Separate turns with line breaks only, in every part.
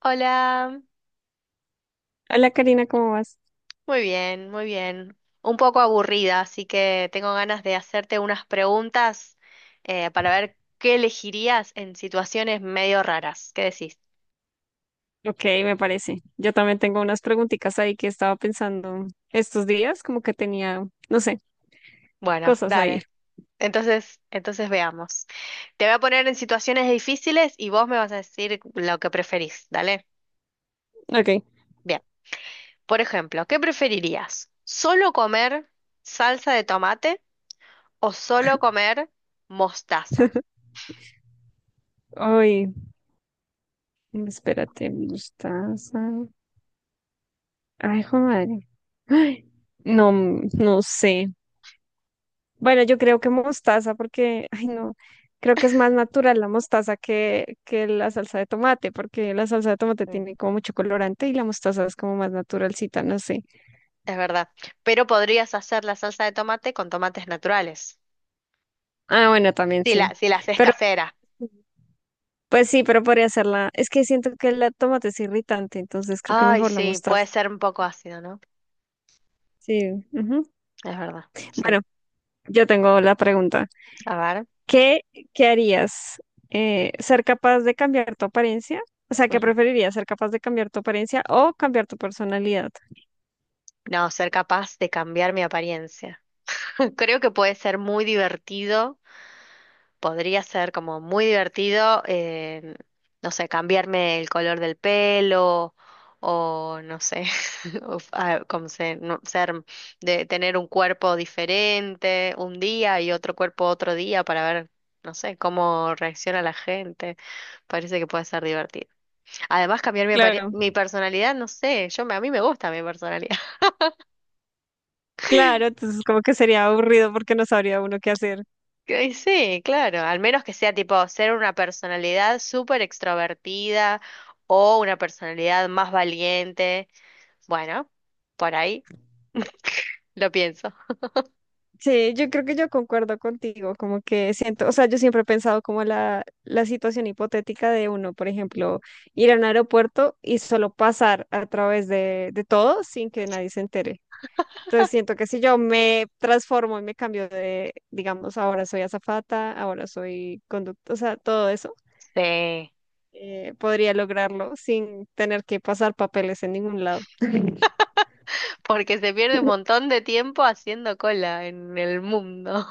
Hola,
Hola Karina, ¿cómo vas?
muy bien, muy bien. Un poco aburrida, así que tengo ganas de hacerte unas preguntas para ver qué elegirías en situaciones medio raras. ¿Qué decís?
Ok, me parece. Yo también tengo unas preguntitas ahí que estaba pensando estos días, como que tenía, no sé,
Bueno,
cosas ahí.
dale. Entonces veamos. Te voy a poner en situaciones difíciles y vos me vas a decir lo que preferís, ¿dale?
Ok.
Bien. Por ejemplo, ¿qué preferirías? ¿Solo comer salsa de tomate o solo comer mostaza?
Ay, espérate, mostaza. Ay, joder madre. Ay, no, no sé. Bueno, yo creo que mostaza porque, ay, no, creo que es más natural la mostaza que la salsa de tomate, porque la salsa de tomate tiene como mucho colorante y la mostaza es como más naturalcita, no sé.
Es verdad. Pero podrías hacer la salsa de tomate con tomates naturales.
Ah, bueno, también
Si
sí.
la, si la haces
Pero
casera.
pues sí, pero podría ser la... Es que siento que la tomate es irritante, entonces creo que
Ay,
mejor la
sí, puede
mostaza.
ser un poco ácido, ¿no?
Sí, ujú.
Es verdad. Sí.
Bueno, yo tengo la pregunta.
A ver.
¿Qué, qué harías? ¿ser capaz de cambiar tu apariencia? O sea, ¿qué
Ujú.
preferirías? ¿Ser capaz de cambiar tu apariencia o cambiar tu personalidad?
No, ser capaz de cambiar mi apariencia. Creo que puede ser muy divertido, podría ser como muy divertido, no sé, cambiarme el color del pelo o no sé, o f- ah, como se- no- ser de tener un cuerpo diferente un día y otro cuerpo otro día para ver, no sé, cómo reacciona la gente. Parece que puede ser divertido. Además, cambiar
Claro,
mi personalidad, no sé, a mí me gusta mi personalidad.
claro, entonces como que sería aburrido porque no sabría uno qué hacer.
Que sí, claro, al menos que sea tipo ser una personalidad súper extrovertida o una personalidad más valiente. Bueno, por ahí lo pienso.
Sí, yo creo que yo concuerdo contigo, como que siento, o sea, yo siempre he pensado como la situación hipotética de uno, por ejemplo, ir a un aeropuerto y solo pasar a través de todo sin que nadie se entere. Entonces siento que si yo me transformo y me cambio de, digamos, ahora soy azafata, ahora soy conductor, o sea, todo eso,
Sí,
podría lograrlo sin tener que pasar papeles en ningún lado.
porque se pierde un montón de tiempo haciendo cola en el mundo.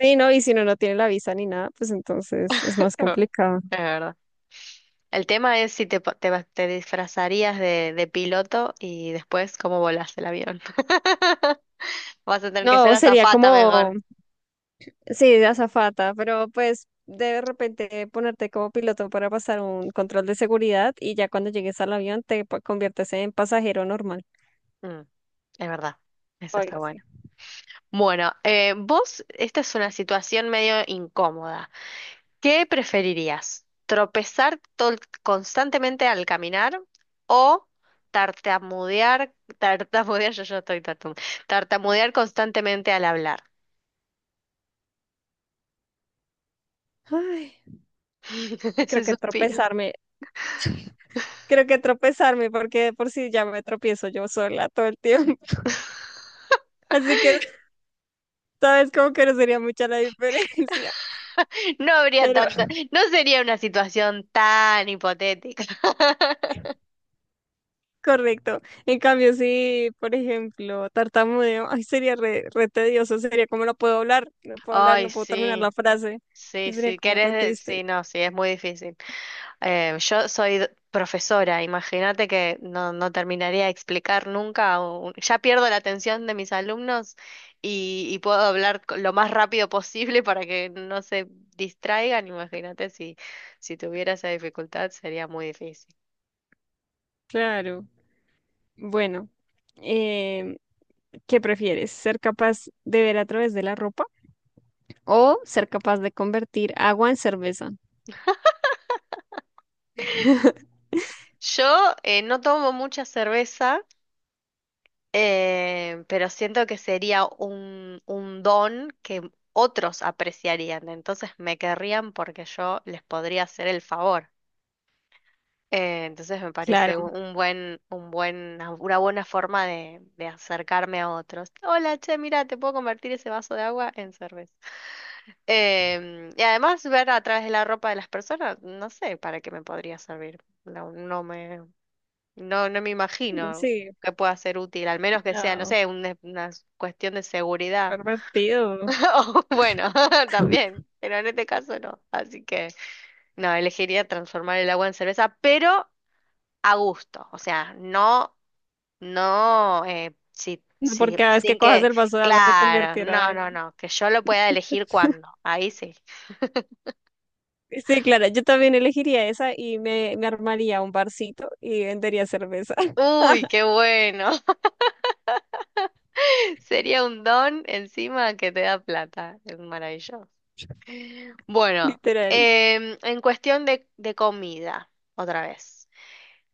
Sí, no, y si uno no tiene la visa ni nada, pues entonces es más complicado.
Es verdad. El tema es si te, po- te, va- te disfrazarías de piloto y después cómo volás el avión. Vas a tener que ser
No, sería
azafata
como
mejor.
sí, de azafata, pero pues de repente ponerte como piloto para pasar un control de seguridad y ya cuando llegues al avión conviertes en pasajero normal
Mm, es verdad,
o
eso
algo
está bueno.
así.
Bueno, vos, esta es una situación medio incómoda. ¿Qué preferirías? ¿Tropezar constantemente al caminar o tartamudear, tartamudear, yo ya estoy tartamudeando, tartamudear constantemente al hablar?
Ay, creo
Ese
que
suspiro.
tropezarme, creo que tropezarme porque de por si ya me tropiezo yo sola todo el tiempo, así que sabes como que no sería mucha la diferencia,
No habría
pero
tanta, no sería una situación tan hipotética.
correcto. En cambio, si, por ejemplo, tartamudeo, ay, sería re tedioso, sería como no puedo hablar, no puedo hablar,
Ay,
no puedo terminar
sí,
la frase,
sí,
y sería
sí,
como
querés,
re
sí,
triste.
no, sí, es muy difícil. Yo soy profesora, imagínate que no, no terminaría de explicar nunca, ya pierdo la atención de mis alumnos y puedo hablar lo más rápido posible para que no se distraigan, imagínate si tuviera esa dificultad sería muy difícil.
Claro. Bueno, em, ¿qué prefieres? ¿Ser capaz de ver a través de la ropa o ser capaz de convertir agua en cerveza?
Yo no tomo mucha cerveza, pero siento que sería un don que otros apreciarían, entonces me querrían porque yo les podría hacer el favor. Entonces me
Claro.
parece una buena forma de acercarme a otros. Hola, che, mira, te puedo convertir ese vaso de agua en cerveza. Em, y además ver a través de la ropa de las personas, no sé para qué me podría servir. No, no me, no, no me imagino
Sí.
que pueda ser útil, al menos que sea, no
No,
sé, una cuestión de seguridad.
pervertido.
O bueno, también, pero en este caso no. Así que no, elegiría transformar el agua en cerveza, pero a gusto, o sea, no,
No, por cada vez que
sin
cojas
que,
el vaso de agua se
claro,
convertirá.
no, no, no, que yo lo pueda elegir cuándo, ahí sí.
Sí, claro, yo también elegiría esa y me armaría un barcito y vendería cerveza,
Uy, qué bueno, sería un don encima que te da plata, es maravilloso. Bueno,
literal.
em, en cuestión de comida, otra vez,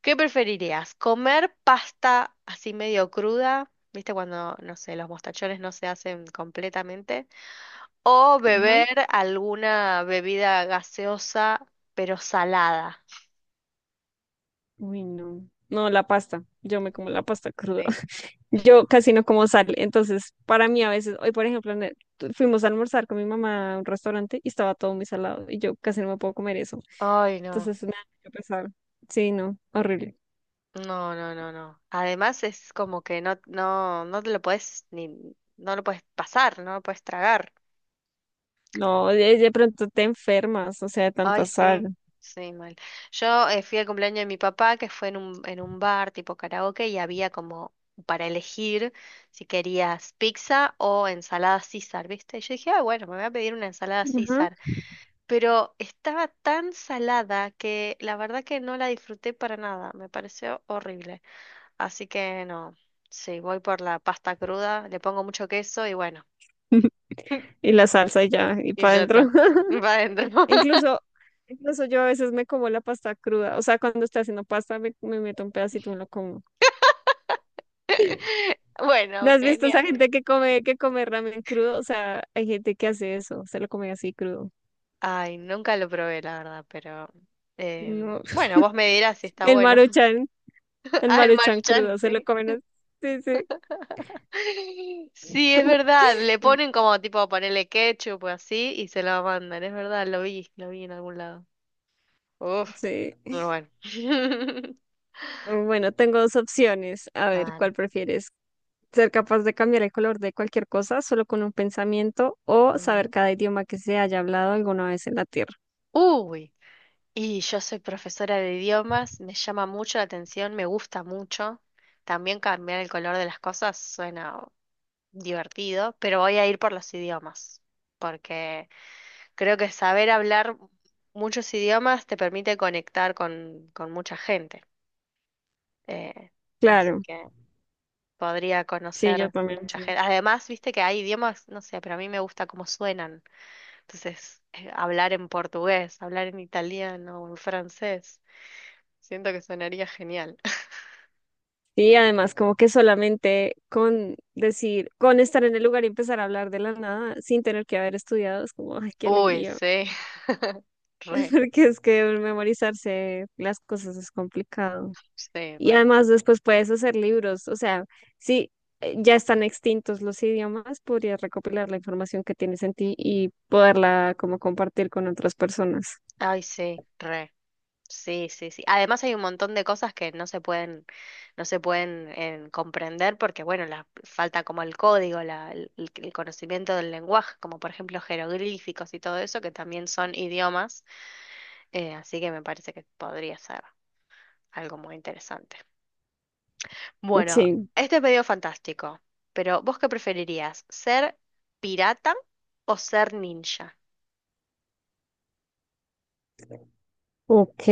¿qué preferirías? ¿Comer pasta así medio cruda? ¿Viste cuando, no sé, los mostachones no se hacen completamente? O
Ajá.
beber alguna bebida gaseosa, pero salada.
Uy, no. No, la pasta. Yo me como la pasta cruda.
Sí.
Yo casi no como sal. Entonces, para mí a veces, hoy por ejemplo, fuimos a almorzar con mi mamá a un restaurante y estaba todo muy salado y yo casi no me puedo comer eso.
Ay, no.
Entonces, me da mucho pesar. Sí, no, horrible.
No, no, no, no. Además es como que no te lo puedes ni, no lo puedes pasar, no lo puedes tragar.
No, de pronto te enfermas, o sea, de tanta
Ay, sí,
sal.
sí, mal. Yo fui al cumpleaños de mi papá, que fue en un bar tipo karaoke, y había como para elegir si querías pizza o ensalada César, ¿viste? Y yo dije, ah, bueno, me voy a pedir una ensalada
Ajá.
César, pero estaba tan salada que la verdad que no la disfruté para nada, me pareció horrible. Así que no, sí, voy por la pasta cruda, le pongo mucho queso y bueno,
Y la salsa y ya, y
y
para
ya está,
adentro.
va adentro.
Incluso, incluso yo a veces me como la pasta cruda. O sea, cuando estoy haciendo pasta, me meto un pedacito y me lo como. ¿No
Bueno,
has visto esa
genial.
gente que come ramen crudo? O sea, hay gente que hace eso, se lo come así crudo.
Ay, nunca lo probé, la verdad, pero
No.
bueno, vos me dirás si está
El
bueno.
Maruchan, el
Ah, el
Maruchan
Maruchan,
crudo, se lo
sí.
comen así. Sí, sí.
Sí, es verdad. Le
Mm,
ponen como tipo ponerle ketchup o así y se lo mandan. Es verdad, lo vi en algún lado. Uf,
sí.
muy bueno.
Bueno, tengo dos opciones. A
A
ver,
ver.
¿cuál prefieres? ¿Ser capaz de cambiar el color de cualquier cosa solo con un pensamiento o saber
Mm.
cada idioma que se haya hablado alguna vez en la Tierra?
Uy, y yo soy profesora de idiomas, me llama mucho la atención, me gusta mucho. También cambiar el color de las cosas suena divertido, pero voy a ir por los idiomas, porque creo que saber hablar muchos idiomas te permite conectar con mucha gente. Eh, así
Claro,
que podría
sí, yo
conocer
también,
mucha
sí.
gente. Además, viste que hay idiomas, no sé, pero a mí me gusta cómo suenan. Entonces, hablar en portugués, hablar en italiano o en francés, siento que sonaría genial.
Sí, además, como que solamente con decir, con estar en el lugar y empezar a hablar de la nada sin tener que haber estudiado, es como, ay, qué
Uy,
alegría,
sí. Re,
porque es que memorizarse las cosas es complicado.
sí,
Y
re.
además después puedes hacer libros, o sea, si ya están extintos los idiomas, podrías recopilar la información que tienes en ti y poderla como compartir con otras personas.
Ay, sí, re. Sí, sí, sí. Además hay un montón de cosas que no se pueden comprender porque, bueno, falta como el código, el conocimiento del lenguaje, como por ejemplo jeroglíficos y todo eso, que también son idiomas, así que me parece que podría ser algo muy interesante. Bueno,
Sí,
este pedido fantástico, pero ¿vos qué preferirías? ¿Ser pirata o ser ninja?
ok,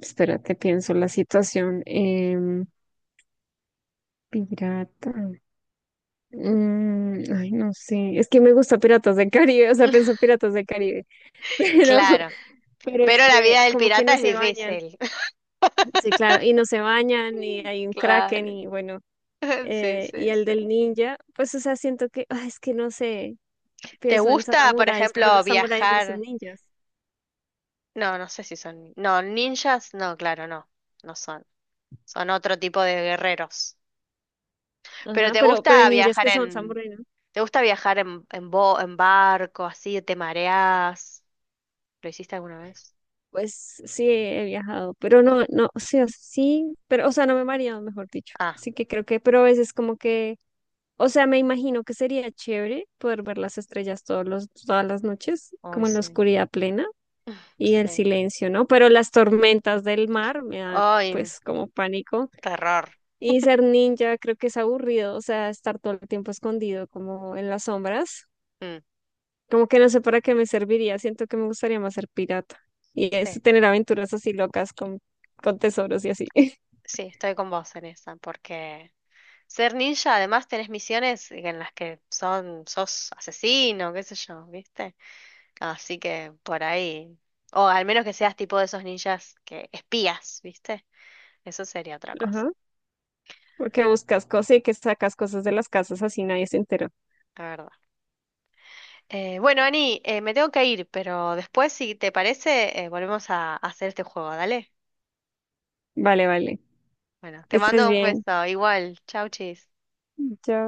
espérate, pienso la situación. Pirata. Mm, ay, no sé, es que me gusta Piratas del Caribe, o sea, pienso en Piratas del Caribe, pero,
Claro,
pero es
pero la
que
vida del
como que
pirata
no
es
se bañan,
difícil.
sí, claro, y no se bañan, y hay un Kraken,
Claro.
y bueno,
Sí,
y
sí,
el
sí.
del ninja, pues, o sea, siento que, ah, es que no sé,
¿Te
pienso en
gusta, por
samuráis, pero
ejemplo,
los samuráis no son
viajar?
ninjas,
No, no sé si son... No, ninjas, no, claro, no, no son. Son otro tipo de guerreros. Pero
ajá,
¿te
pero hay
gusta
ninjas
viajar
que son
en...
samuráis, ¿no?
¿Te gusta viajar en barco, así, te mareás? ¿Lo hiciste alguna vez?
Pues sí, he viajado, pero no, no, sí, o sea, sí, pero, o sea, no me he mareado, mejor dicho,
Ah,
así que creo que, pero a veces como que o sea, me imagino que sería chévere poder ver las estrellas todas las noches,
hoy
como en la
sí,
oscuridad plena y el
sí.
silencio, ¿no? Pero las tormentas del mar me dan
Ay,
pues como pánico.
terror.
Y ser ninja creo que es aburrido, o sea, estar todo el tiempo escondido como en las sombras.
Mm,
Como que no sé para qué me serviría, siento que me gustaría más ser pirata. Y es
sí,
tener aventuras así locas con tesoros y así.
sí, estoy con vos en esa, porque ser ninja, además tenés misiones en las que son, sos asesino, qué sé yo, ¿viste? Así que por ahí. O al menos que seas tipo de esos ninjas que espías, ¿viste? Eso sería otra cosa,
Ajá. Porque buscas cosas y que sacas cosas de las casas así nadie se entera.
la verdad. Bueno, Ani, me tengo que ir, pero después, si te parece, volvemos a hacer este juego, ¿dale?
Vale, vale.
Bueno,
Que
te
estés
mando un
bien.
beso. Igual. Chau, chis.
Ya,